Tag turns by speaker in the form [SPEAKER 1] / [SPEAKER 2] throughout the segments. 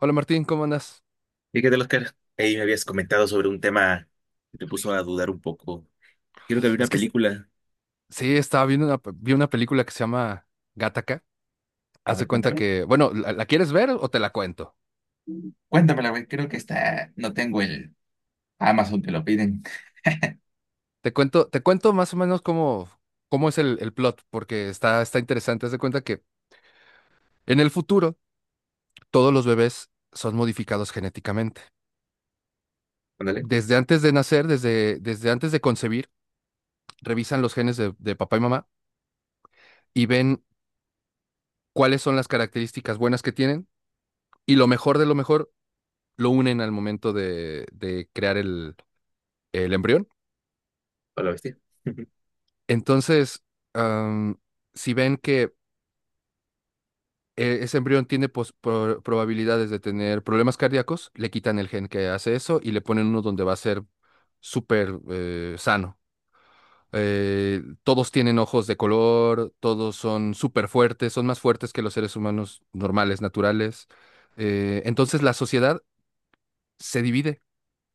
[SPEAKER 1] Hola Martín, ¿cómo andas?
[SPEAKER 2] ¿Y qué tal, Oscar? Ahí me habías comentado sobre un tema que te puso a dudar un poco. Creo que había
[SPEAKER 1] Es
[SPEAKER 2] una
[SPEAKER 1] que es-
[SPEAKER 2] película.
[SPEAKER 1] sí, estaba viendo una, vi una película que se llama Gattaca.
[SPEAKER 2] A
[SPEAKER 1] Haz de
[SPEAKER 2] ver,
[SPEAKER 1] cuenta
[SPEAKER 2] cuéntame.
[SPEAKER 1] que, bueno, ¿la quieres ver o te la cuento?
[SPEAKER 2] Cuéntamela, güey. Creo que está. No tengo el Amazon, te lo piden.
[SPEAKER 1] Te cuento más o menos cómo es el plot, porque está interesante. Haz de cuenta que en el futuro todos los bebés son modificados genéticamente.
[SPEAKER 2] Ándale,
[SPEAKER 1] Desde antes de nacer, desde antes de concebir, revisan los genes de papá y mamá y ven cuáles son las características buenas que tienen y lo mejor de lo mejor lo unen al momento de crear el embrión.
[SPEAKER 2] a la bestia.
[SPEAKER 1] Entonces, am, si ven que ese embrión tiene probabilidades de tener problemas cardíacos, le quitan el gen que hace eso y le ponen uno donde va a ser súper sano. Todos tienen ojos de color, todos son súper fuertes, son más fuertes que los seres humanos normales, naturales. Entonces la sociedad se divide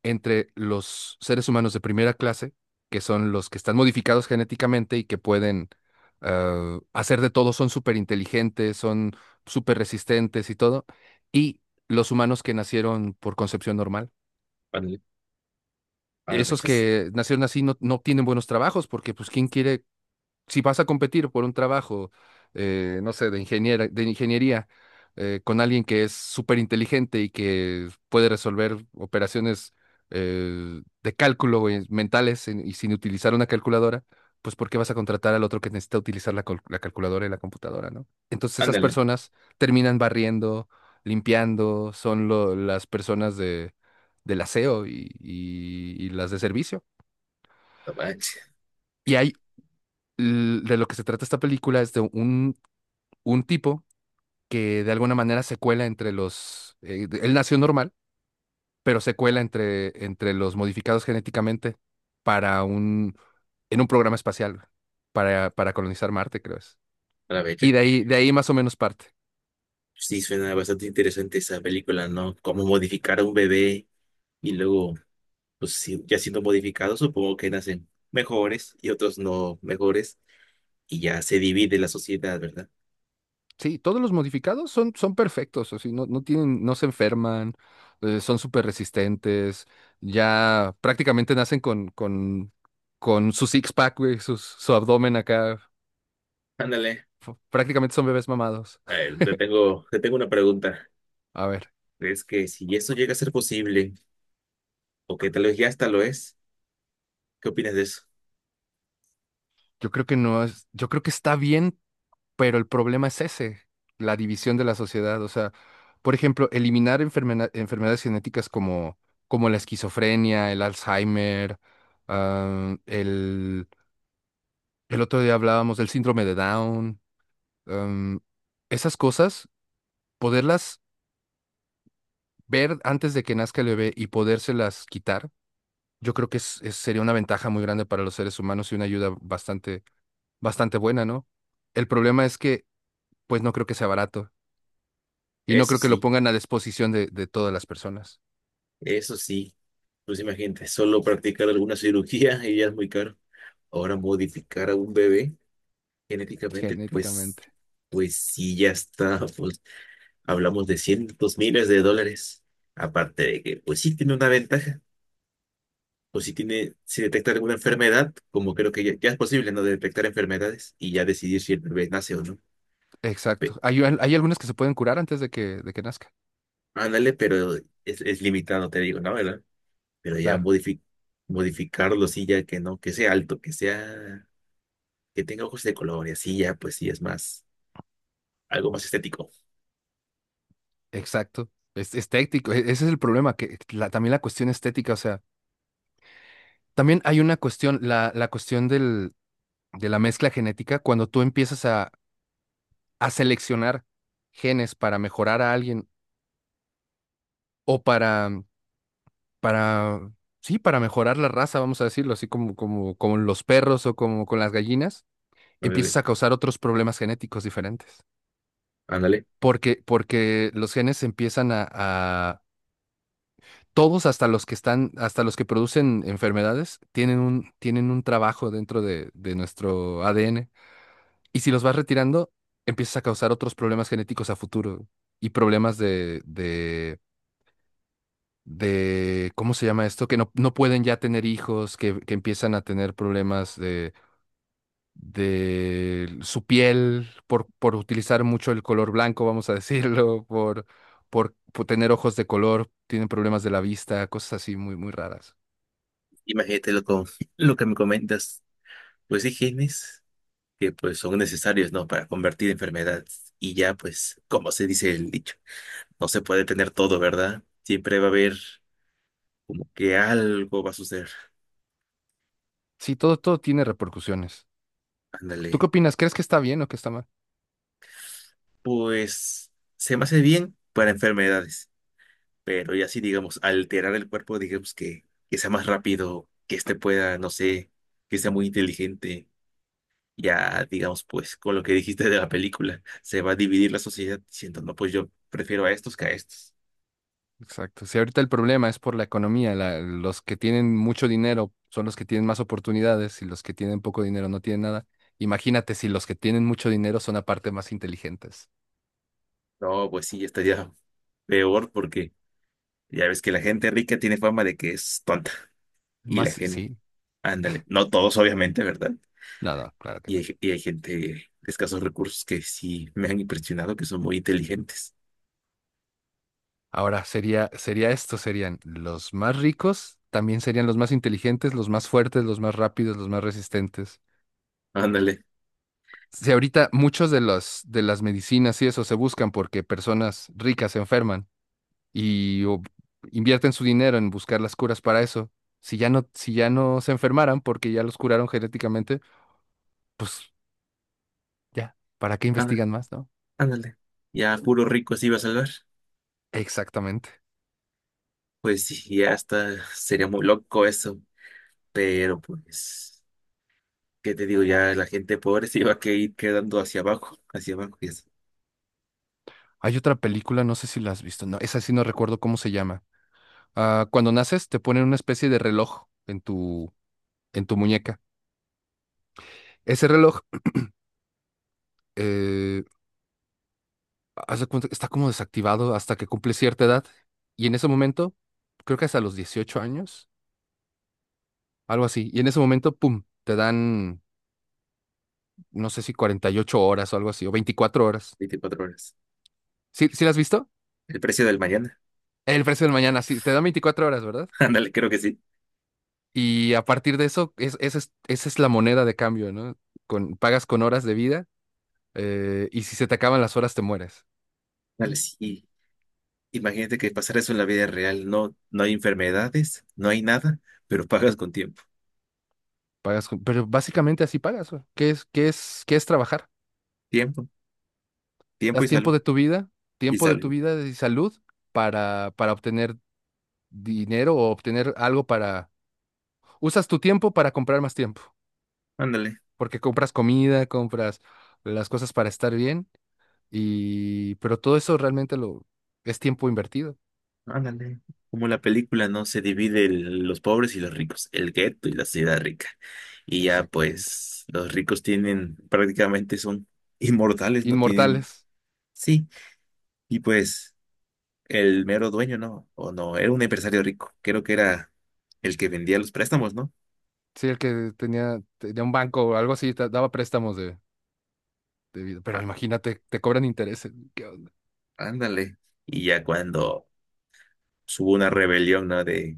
[SPEAKER 1] entre los seres humanos de primera clase, que son los que están modificados genéticamente y que pueden hacer de todo, son súper inteligentes, son súper resistentes y todo, y los humanos que nacieron por concepción normal.
[SPEAKER 2] Ándale, a la
[SPEAKER 1] Esos
[SPEAKER 2] bechas.
[SPEAKER 1] que nacieron así no, no tienen buenos trabajos porque pues ¿quién quiere si vas a competir por un trabajo, no sé, de ingeniería, con alguien que es súper inteligente y que puede resolver operaciones de cálculo güey, mentales y sin utilizar una calculadora, pues ¿por qué vas a contratar al otro que necesita utilizar la calculadora y la computadora, ¿no? Entonces esas
[SPEAKER 2] Ándale,
[SPEAKER 1] personas terminan barriendo, limpiando, son las personas del aseo y las de servicio.
[SPEAKER 2] a la becha,
[SPEAKER 1] Y hay de lo que se trata esta película es de un tipo que de alguna manera se cuela entre los... él nació normal, pero se cuela entre los modificados genéticamente para un... en un programa espacial para colonizar Marte, creo es.
[SPEAKER 2] a la becha.
[SPEAKER 1] Y de ahí más o menos parte.
[SPEAKER 2] Sí, suena bastante interesante esa película, ¿no? Cómo modificar a un bebé y luego, pues sí, ya siendo modificado, supongo que nacen mejores y otros no mejores y ya se divide la sociedad, ¿verdad?
[SPEAKER 1] Sí, todos los modificados son perfectos, o sea, no, no tienen, no se enferman, son súper resistentes, ya prácticamente nacen con su six-pack, güey, su abdomen acá,
[SPEAKER 2] Ándale.
[SPEAKER 1] prácticamente son bebés mamados.
[SPEAKER 2] A ver, te tengo una pregunta.
[SPEAKER 1] A ver.
[SPEAKER 2] Es que si eso llega a ser posible, o que tal vez ya hasta lo es, ¿qué opinas de eso?
[SPEAKER 1] Yo creo que no es, Yo creo que está bien, pero el problema es ese, la división de la sociedad. O sea, por ejemplo, eliminar enfermedades genéticas como la esquizofrenia, el Alzheimer, ah, el, el otro día hablábamos del síndrome de Down, am, esas cosas, poderlas ver antes de que nazca el bebé y podérselas quitar, yo creo que sería una ventaja muy grande para los seres humanos y una ayuda bastante, bastante buena, ¿no? El problema es que, pues no creo que sea barato. Y no
[SPEAKER 2] Eso
[SPEAKER 1] creo que lo
[SPEAKER 2] sí,
[SPEAKER 1] pongan a disposición de todas las personas
[SPEAKER 2] eso sí. Pues imagínate, solo practicar alguna cirugía y ya es muy caro. Ahora modificar a un bebé genéticamente, pues,
[SPEAKER 1] genéticamente.
[SPEAKER 2] pues sí, ya está. Pues hablamos de cientos miles de dólares. Aparte de que, pues sí tiene una ventaja. Pues sí tiene, si detecta alguna enfermedad, como creo que ya es posible, ¿no? De detectar enfermedades y ya decidir si el bebé nace o no.
[SPEAKER 1] Exacto. Hay algunas que se pueden curar antes de que nazca.
[SPEAKER 2] Ándale, pero es limitado, te digo, ¿no? ¿Verdad? Pero ya
[SPEAKER 1] Claro,
[SPEAKER 2] modifi- modificarlo, sí, ya que no, que sea alto, que sea, que tenga ojos de color y así ya, pues sí, es más, algo más estético.
[SPEAKER 1] exacto. Estético. Ese es el problema, también la cuestión estética, o sea, también hay una cuestión, la cuestión de la mezcla genética, cuando tú empiezas a seleccionar genes para mejorar a alguien o para, sí, para mejorar la raza, vamos a decirlo, así como los perros o como con las gallinas empiezas
[SPEAKER 2] Ándale,
[SPEAKER 1] a causar otros problemas genéticos diferentes.
[SPEAKER 2] ándale.
[SPEAKER 1] Porque los genes empiezan todos hasta los que producen enfermedades, tienen un trabajo dentro de nuestro ADN. Y si los vas retirando, empiezas a causar otros problemas genéticos a futuro y problemas ¿cómo se llama esto? Que no, no pueden ya tener hijos, que empiezan a tener problemas de su piel, por utilizar mucho el color blanco, vamos a decirlo, por tener ojos de color, tienen problemas de la vista, cosas así muy, muy raras.
[SPEAKER 2] Imagínate lo, lo que me comentas, pues sí, genes que pues son necesarios, ¿no? Para convertir enfermedades. Y ya, pues, como se dice el dicho, no se puede tener todo, ¿verdad? Siempre va a haber como que algo va a suceder.
[SPEAKER 1] Sí, todo, todo tiene repercusiones. ¿Tú qué
[SPEAKER 2] Ándale.
[SPEAKER 1] opinas? ¿Crees que está bien o que está mal?
[SPEAKER 2] Pues se me hace bien para enfermedades. Pero ya sí, digamos, alterar el cuerpo, digamos que sea más rápido, que este pueda, no sé, que sea muy inteligente. Ya, digamos, pues con lo que dijiste de la película, se va a dividir la sociedad diciendo, no, pues yo prefiero a estos que a estos.
[SPEAKER 1] Exacto. Si ahorita el problema es por la economía, los que tienen mucho dinero son los que tienen más oportunidades y los que tienen poco dinero no tienen nada. Imagínate si los que tienen mucho dinero son aparte más inteligentes.
[SPEAKER 2] No, pues sí, estaría peor porque ya ves que la gente rica tiene fama de que es tonta. Y
[SPEAKER 1] Más,
[SPEAKER 2] la
[SPEAKER 1] sí,
[SPEAKER 2] gente,
[SPEAKER 1] sí,
[SPEAKER 2] ándale, no todos obviamente, ¿verdad?
[SPEAKER 1] nada, claro que.
[SPEAKER 2] Y hay gente de escasos recursos que sí me han impresionado, que son muy inteligentes.
[SPEAKER 1] Ahora sería esto, serían los más ricos, también serían los más inteligentes, los más fuertes, los más rápidos, los más resistentes.
[SPEAKER 2] Ándale.
[SPEAKER 1] Si ahorita muchos de las medicinas y eso se buscan porque personas ricas se enferman y o, invierten su dinero en buscar las curas para eso. Si ya no, si ya no se enfermaran porque ya los curaron genéticamente, pues ya, ¿para qué investigan más, no?
[SPEAKER 2] Ándale. Ya puro rico se iba a salvar.
[SPEAKER 1] Exactamente.
[SPEAKER 2] Pues sí, ya está, sería muy loco eso. Pero pues, ¿qué te digo? Ya la gente pobre se iba a que ir quedando hacia abajo, y eso,
[SPEAKER 1] Hay otra película, no sé si la has visto, no, esa sí no recuerdo cómo se llama. Ah, cuando naces te ponen una especie de reloj en tu muñeca. Ese reloj eh, haz de cuenta que está como desactivado hasta que cumple cierta edad. Y en ese momento, creo que hasta los 18 años, algo así. Y en ese momento, ¡pum! Te dan, no sé si 48 horas o algo así, o 24 horas.
[SPEAKER 2] 24 horas.
[SPEAKER 1] ¿Sí, sí lo has visto?
[SPEAKER 2] El precio del mañana.
[SPEAKER 1] El precio del mañana, sí, te dan 24 horas, ¿verdad?
[SPEAKER 2] Ándale, creo que sí.
[SPEAKER 1] Y a partir de eso, esa es la moneda de cambio, ¿no? Pagas con horas de vida y si se te acaban las horas, te mueres.
[SPEAKER 2] Ándale, sí. Imagínate que pasara eso en la vida real. No, no hay enfermedades, no hay nada, pero pagas con tiempo.
[SPEAKER 1] Pero básicamente así pagas, güey. ¿Qué es trabajar?
[SPEAKER 2] Tiempo, tiempo
[SPEAKER 1] Das
[SPEAKER 2] y
[SPEAKER 1] tiempo
[SPEAKER 2] salud.
[SPEAKER 1] de tu vida,
[SPEAKER 2] Y
[SPEAKER 1] tiempo de tu
[SPEAKER 2] salud.
[SPEAKER 1] vida y salud para obtener dinero o obtener algo para... Usas tu tiempo para comprar más tiempo,
[SPEAKER 2] Ándale.
[SPEAKER 1] porque compras comida, compras las cosas para estar bien y... Pero todo eso realmente lo... es tiempo invertido.
[SPEAKER 2] Ándale. Como la película, ¿no? Se divide los pobres y los ricos, el gueto y la ciudad rica. Y ya,
[SPEAKER 1] Exactamente.
[SPEAKER 2] pues, los ricos tienen, prácticamente son inmortales, ¿no? Tienen,
[SPEAKER 1] Inmortales.
[SPEAKER 2] sí. Y pues, el mero dueño, ¿no? O no, era un empresario rico. Creo que era el que vendía los préstamos, ¿no?
[SPEAKER 1] Sí, el que tenía un banco o algo así, te daba préstamos de vida. Pero
[SPEAKER 2] Á-
[SPEAKER 1] imagínate, te cobran intereses.
[SPEAKER 2] ándale. Y ya cuando hubo una rebelión, ¿no? De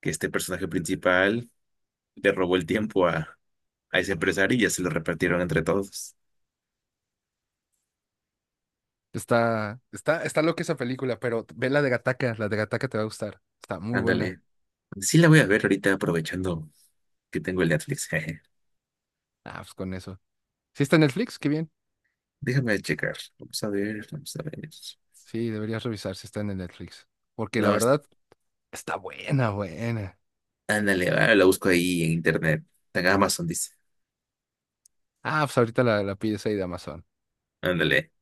[SPEAKER 2] que este personaje principal le robó el tiempo a ese empresario y ya se lo repartieron entre todos.
[SPEAKER 1] Está loca esa película, pero ve la de Gataca te va a gustar. Está muy buena.
[SPEAKER 2] Ándale. Sí la voy a ver ahorita aprovechando que tengo el Netflix.
[SPEAKER 1] Ah, pues con eso. ¿Sí está en Netflix? Qué bien.
[SPEAKER 2] Déjame checar. Vamos a ver, vamos a ver.
[SPEAKER 1] Sí, deberías revisar si está en el Netflix. Porque la
[SPEAKER 2] No, es-
[SPEAKER 1] verdad, está buena, buena.
[SPEAKER 2] ándale, ah, la busco ahí en internet. En Amazon dice.
[SPEAKER 1] Ah, pues ahorita la pides ahí de Amazon.
[SPEAKER 2] Ándale.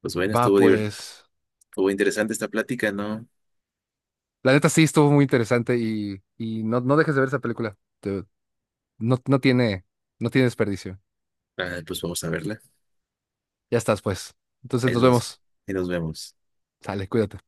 [SPEAKER 2] Pues bueno,
[SPEAKER 1] Va, pues.
[SPEAKER 2] estuvo interesante esta plática, ¿no?
[SPEAKER 1] La neta sí estuvo muy interesante y no, no dejes de ver esa película. No, no tiene desperdicio.
[SPEAKER 2] Ah, pues vamos a verla.
[SPEAKER 1] Ya estás, pues. Entonces
[SPEAKER 2] Ahí
[SPEAKER 1] nos
[SPEAKER 2] nos,
[SPEAKER 1] vemos.
[SPEAKER 2] ahí nos vemos.
[SPEAKER 1] Sale, cuídate.